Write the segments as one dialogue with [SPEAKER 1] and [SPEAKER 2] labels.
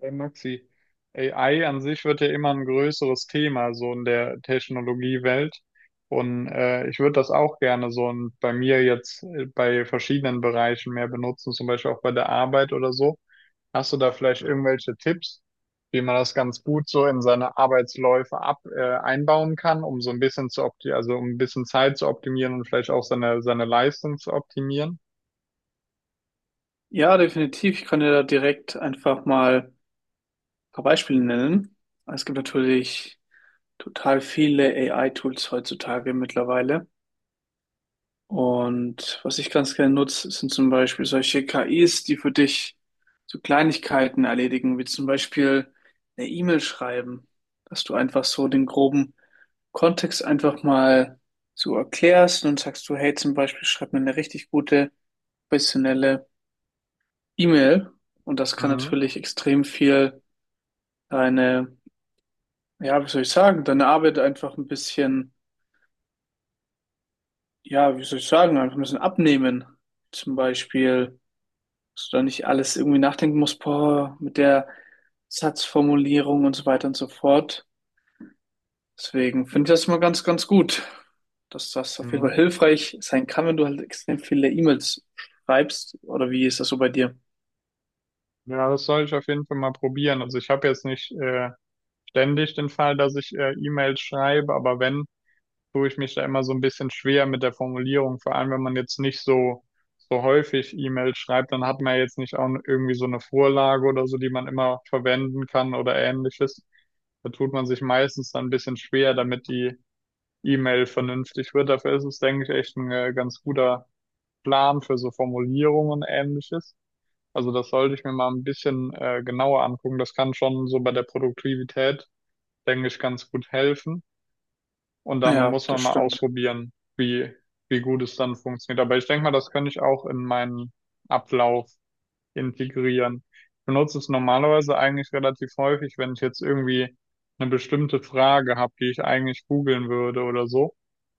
[SPEAKER 1] Hey Maxi, AI an sich wird ja immer ein größeres Thema so in der Technologiewelt und ich würde das auch gerne so und bei mir jetzt bei verschiedenen Bereichen mehr benutzen, zum Beispiel auch bei der Arbeit oder so. Hast du da vielleicht irgendwelche Tipps, wie man das ganz gut so in seine Arbeitsläufe ab einbauen kann, um so ein bisschen zu opti also um ein bisschen Zeit zu optimieren und vielleicht auch seine Leistung zu optimieren?
[SPEAKER 2] Ja, definitiv. Ich kann dir da direkt einfach mal ein paar Beispiele nennen. Es gibt natürlich total viele AI-Tools heutzutage mittlerweile. Und was ich ganz gerne nutze, sind zum Beispiel solche KIs, die für dich so Kleinigkeiten erledigen, wie zum Beispiel eine E-Mail schreiben, dass du einfach so den groben Kontext einfach mal so erklärst und sagst du, hey, zum Beispiel schreib mir eine richtig gute, professionelle E-Mail, und das kann
[SPEAKER 1] Mhm.
[SPEAKER 2] natürlich extrem viel deine, ja, wie soll ich sagen, deine Arbeit einfach ein bisschen, ja, wie soll ich sagen, einfach ein bisschen abnehmen. Zum Beispiel, dass du da nicht alles irgendwie nachdenken musst, boah, mit der Satzformulierung und so weiter und so fort. Deswegen finde ich das mal ganz, ganz gut, dass das auf jeden Fall
[SPEAKER 1] Mhm.
[SPEAKER 2] hilfreich sein kann, wenn du halt extrem viele E-Mails schreibst. Oder wie ist das so bei dir?
[SPEAKER 1] Ja, das soll ich auf jeden Fall mal probieren. Also ich habe jetzt nicht ständig den Fall, dass ich E-Mails schreibe, aber wenn, tue ich mich da immer so ein bisschen schwer mit der Formulierung. Vor allem, wenn man jetzt nicht so, so häufig E-Mails schreibt, dann hat man ja jetzt nicht auch irgendwie so eine Vorlage oder so, die man immer verwenden kann oder ähnliches. Da tut man sich meistens dann ein bisschen schwer, damit die E-Mail vernünftig wird. Dafür ist es, denke ich, echt ein ganz guter Plan für so Formulierungen und ähnliches. Also das sollte ich mir mal ein bisschen genauer angucken. Das kann schon so bei der Produktivität, denke ich, ganz gut helfen. Und dann
[SPEAKER 2] Ja,
[SPEAKER 1] muss man
[SPEAKER 2] das
[SPEAKER 1] mal
[SPEAKER 2] stimmt.
[SPEAKER 1] ausprobieren, wie, wie gut es dann funktioniert. Aber ich denke mal, das könnte ich auch in meinen Ablauf integrieren. Ich benutze es normalerweise eigentlich relativ häufig, wenn ich jetzt irgendwie eine bestimmte Frage habe, die ich eigentlich googeln würde oder so.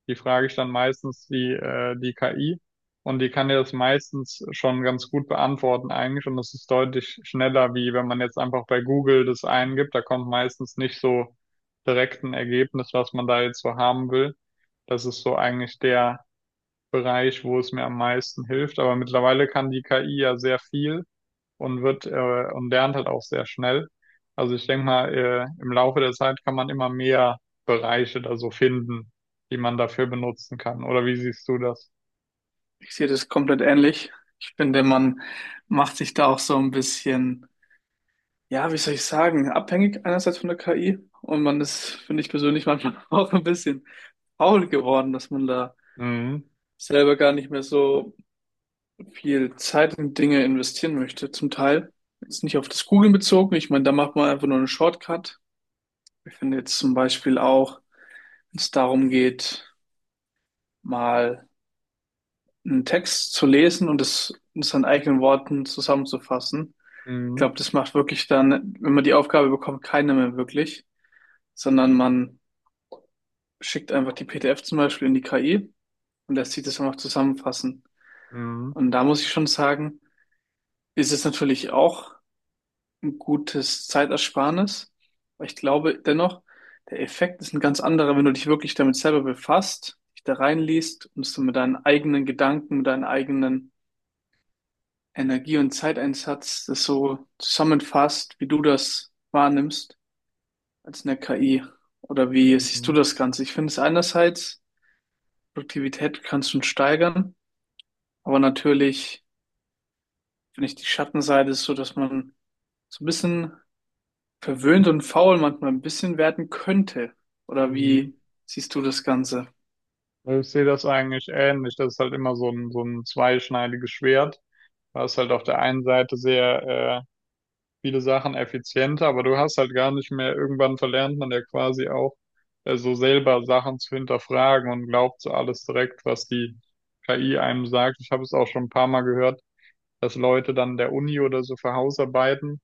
[SPEAKER 1] Die frage ich dann meistens die KI und die kann dir das meistens schon ganz gut beantworten eigentlich und das ist deutlich schneller, wie wenn man jetzt einfach bei Google das eingibt. Da kommt meistens nicht so direkt ein Ergebnis, was man da jetzt so haben will. Das ist so eigentlich der Bereich, wo es mir am meisten hilft. Aber mittlerweile kann die KI ja sehr viel und lernt halt auch sehr schnell. Also ich denke mal, im Laufe der Zeit kann man immer mehr Bereiche da so finden, die man dafür benutzen kann. Oder wie siehst du das?
[SPEAKER 2] Ich sehe das komplett ähnlich. Ich finde, man macht sich da auch so ein bisschen, ja, wie soll ich sagen, abhängig einerseits von der KI, und man ist, finde ich persönlich, manchmal auch ein bisschen faul geworden, dass man da
[SPEAKER 1] Mhm.
[SPEAKER 2] selber gar nicht mehr so viel Zeit in Dinge investieren möchte, zum Teil. Jetzt nicht auf das Googlen bezogen. Ich meine, da macht man einfach nur einen Shortcut. Ich finde jetzt zum Beispiel auch, wenn es darum geht, mal einen Text zu lesen und es in seinen eigenen Worten zusammenzufassen. Ich
[SPEAKER 1] Mhm.
[SPEAKER 2] glaube, das macht wirklich dann, wenn man die Aufgabe bekommt, keiner mehr wirklich, sondern man schickt einfach die PDF zum Beispiel in die KI und lässt sich das einfach zusammenfassen.
[SPEAKER 1] Mhm.
[SPEAKER 2] Und da muss ich schon sagen, ist es natürlich auch ein gutes Zeitersparnis. Aber ich glaube dennoch, der Effekt ist ein ganz anderer, wenn du dich wirklich damit selber befasst, dich da reinliest und es dann mit deinen eigenen Gedanken, mit deinen eigenen Energie- und Zeiteinsatz das so zusammenfasst, wie du das wahrnimmst, als eine KI. Oder wie siehst du
[SPEAKER 1] Mhm.
[SPEAKER 2] das Ganze? Ich finde es einerseits, Produktivität kannst du steigern, aber natürlich finde ich die Schattenseite ist so, dass man so ein bisschen verwöhnt und faul manchmal ein bisschen werden könnte. Oder
[SPEAKER 1] Mhm.
[SPEAKER 2] wie siehst du das Ganze?
[SPEAKER 1] Ich sehe das eigentlich ähnlich. Das ist halt immer so ein zweischneidiges Schwert. Da ist halt auf der einen Seite sehr äh, viele Sachen effizienter, aber du hast halt gar nicht mehr, irgendwann verlernt man ja quasi auch, so selber Sachen zu hinterfragen und glaubt so alles direkt, was die KI einem sagt. Ich habe es auch schon ein paar Mal gehört, dass Leute dann der Uni oder so für Hausarbeiten,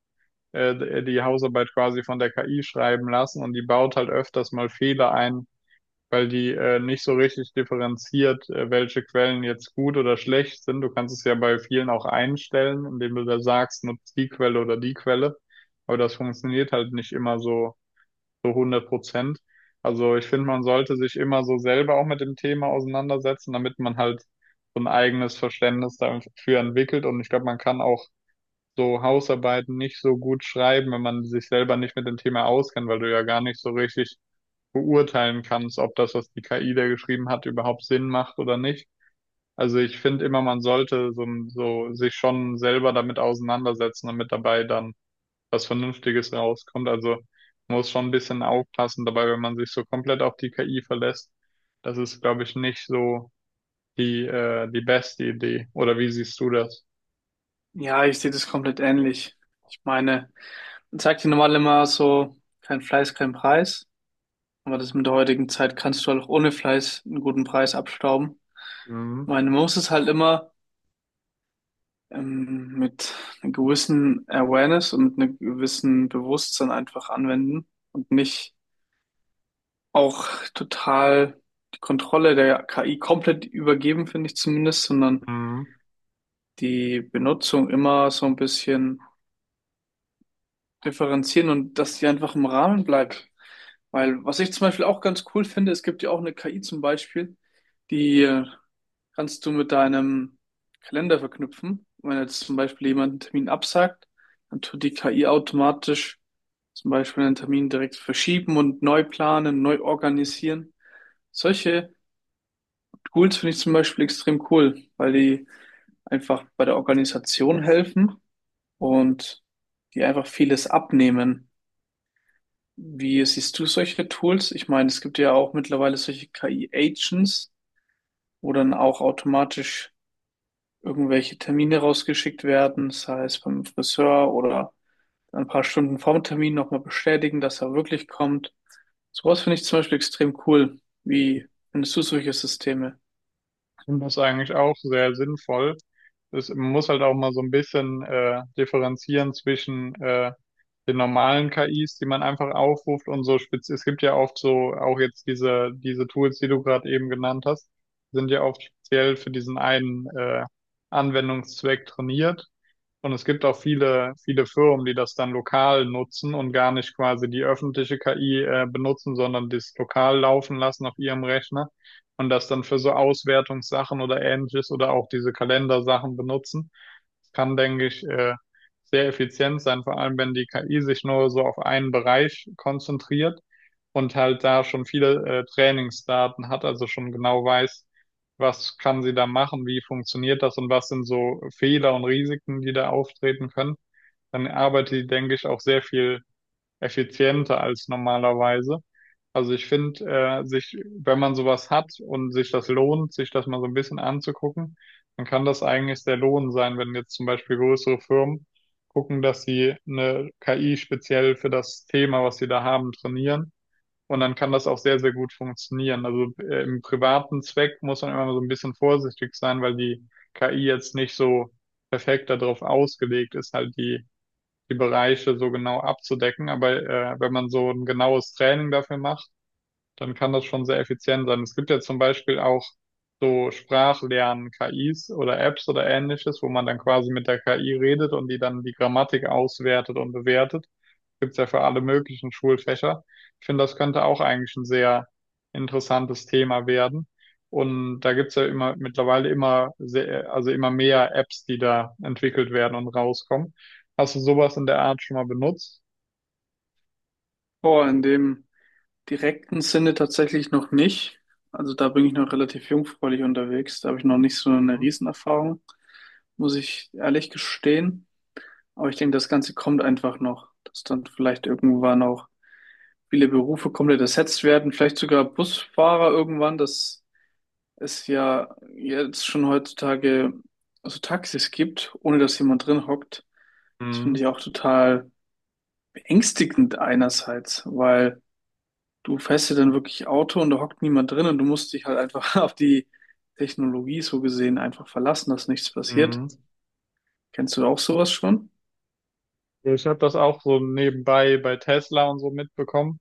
[SPEAKER 1] die Hausarbeit quasi von der KI schreiben lassen und die baut halt öfters mal Fehler ein, weil die nicht so richtig differenziert, welche Quellen jetzt gut oder schlecht sind. Du kannst es ja bei vielen auch einstellen, indem du da sagst, nutzt die Quelle oder die Quelle. Aber das funktioniert halt nicht immer so, so hundert Prozent. Also ich finde, man sollte sich immer so selber auch mit dem Thema auseinandersetzen, damit man halt so ein eigenes Verständnis dafür entwickelt. Und ich glaube, man kann auch so Hausarbeiten nicht so gut schreiben, wenn man sich selber nicht mit dem Thema auskennt, weil du ja gar nicht so richtig beurteilen kannst, ob das, was die KI da geschrieben hat, überhaupt Sinn macht oder nicht. Also ich finde immer, man sollte so sich schon selber damit auseinandersetzen, damit dabei dann was Vernünftiges rauskommt. Also man muss schon ein bisschen aufpassen dabei, wenn man sich so komplett auf die KI verlässt. Das ist, glaube ich, nicht so die beste Idee. Oder wie siehst du das?
[SPEAKER 2] Ja, ich sehe das komplett ähnlich. Ich meine, man sagt ja normal immer so, kein Fleiß, kein Preis. Aber das mit der heutigen Zeit kannst du halt auch ohne Fleiß einen guten Preis abstauben. Ich
[SPEAKER 1] Mhm.
[SPEAKER 2] meine, man muss es halt immer mit einer gewissen Awareness und mit einem gewissen Bewusstsein einfach anwenden und nicht auch total die Kontrolle der KI komplett übergeben, finde ich zumindest, sondern
[SPEAKER 1] Mhm.
[SPEAKER 2] die Benutzung immer so ein bisschen differenzieren, und dass die einfach im Rahmen bleibt. Weil was ich zum Beispiel auch ganz cool finde, es gibt ja auch eine KI zum Beispiel, die kannst du mit deinem Kalender verknüpfen. Wenn jetzt zum Beispiel jemand einen Termin absagt, dann tut die KI automatisch zum Beispiel einen Termin direkt verschieben und neu planen, neu organisieren. Solche Tools finde ich zum Beispiel extrem cool, weil die einfach bei der Organisation helfen und die einfach vieles abnehmen. Wie siehst du solche Tools? Ich meine, es gibt ja auch mittlerweile solche KI-Agents, wo dann auch automatisch irgendwelche Termine rausgeschickt werden, sei es beim Friseur oder ein paar Stunden vor dem Termin nochmal bestätigen, dass er wirklich kommt. Sowas finde ich zum Beispiel extrem cool. Wie findest du solche Systeme?
[SPEAKER 1] Und das ist eigentlich auch sehr sinnvoll. Man muss halt auch mal so ein bisschen differenzieren zwischen den normalen KIs, die man einfach aufruft und so spez es gibt ja oft so auch jetzt diese Tools, die du gerade eben genannt hast, sind ja oft speziell für diesen einen Anwendungszweck trainiert. Und es gibt auch viele, viele Firmen, die das dann lokal nutzen und gar nicht quasi die öffentliche KI benutzen, sondern das lokal laufen lassen auf ihrem Rechner und das dann für so Auswertungssachen oder ähnliches oder auch diese Kalendersachen benutzen. Das kann, denke ich, sehr effizient sein, vor allem wenn die KI sich nur so auf einen Bereich konzentriert und halt da schon viele Trainingsdaten hat, also schon genau weiß, was kann sie da machen, wie funktioniert das und was sind so Fehler und Risiken, die da auftreten können, dann arbeitet sie, denke ich, auch sehr viel effizienter als normalerweise. Also ich finde, wenn man sowas hat und sich das lohnt, sich das mal so ein bisschen anzugucken, dann kann das eigentlich der Lohn sein, wenn jetzt zum Beispiel größere Firmen gucken, dass sie eine KI speziell für das Thema, was sie da haben, trainieren und dann kann das auch sehr, sehr gut funktionieren. Also im privaten Zweck muss man immer so ein bisschen vorsichtig sein, weil die KI jetzt nicht so perfekt darauf ausgelegt ist, die Bereiche so genau abzudecken. Aber wenn man so ein genaues Training dafür macht, dann kann das schon sehr effizient sein. Es gibt ja zum Beispiel auch so Sprachlern-KIs oder Apps oder ähnliches, wo man dann quasi mit der KI redet und die dann die Grammatik auswertet und bewertet. Gibt es ja für alle möglichen Schulfächer. Ich finde, das könnte auch eigentlich ein sehr interessantes Thema werden. Und da gibt es ja immer mittlerweile immer sehr, also immer mehr Apps, die da entwickelt werden und rauskommen. Hast du sowas in der Art schon mal benutzt?
[SPEAKER 2] Boah, in dem direkten Sinne tatsächlich noch nicht. Also da bin ich noch relativ jungfräulich unterwegs. Da habe ich noch nicht so eine
[SPEAKER 1] Mhm.
[SPEAKER 2] Riesenerfahrung, muss ich ehrlich gestehen. Aber ich denke, das Ganze kommt einfach noch, dass dann vielleicht irgendwann auch viele Berufe komplett ersetzt werden, vielleicht sogar Busfahrer irgendwann, dass es ja jetzt schon heutzutage so Taxis gibt, ohne dass jemand drin hockt. Das
[SPEAKER 1] Mhm.
[SPEAKER 2] finde ich auch total beängstigend einerseits, weil du fährst ja dann wirklich Auto und da hockt niemand drin und du musst dich halt einfach auf die Technologie so gesehen einfach verlassen, dass nichts passiert.
[SPEAKER 1] Mhm.
[SPEAKER 2] Kennst du auch sowas schon?
[SPEAKER 1] Ich habe das auch so nebenbei bei Tesla und so mitbekommen.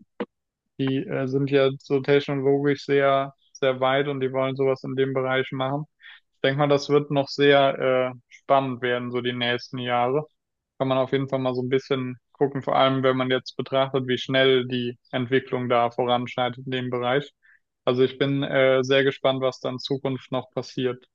[SPEAKER 1] Die sind ja so technologisch sehr, sehr weit und die wollen sowas in dem Bereich machen. Ich denke mal, das wird noch sehr spannend werden, so die nächsten Jahre. Kann man auf jeden Fall mal so ein bisschen gucken, vor allem wenn man jetzt betrachtet, wie schnell die Entwicklung da voranschreitet in dem Bereich. Also ich bin sehr gespannt, was da in Zukunft noch passiert.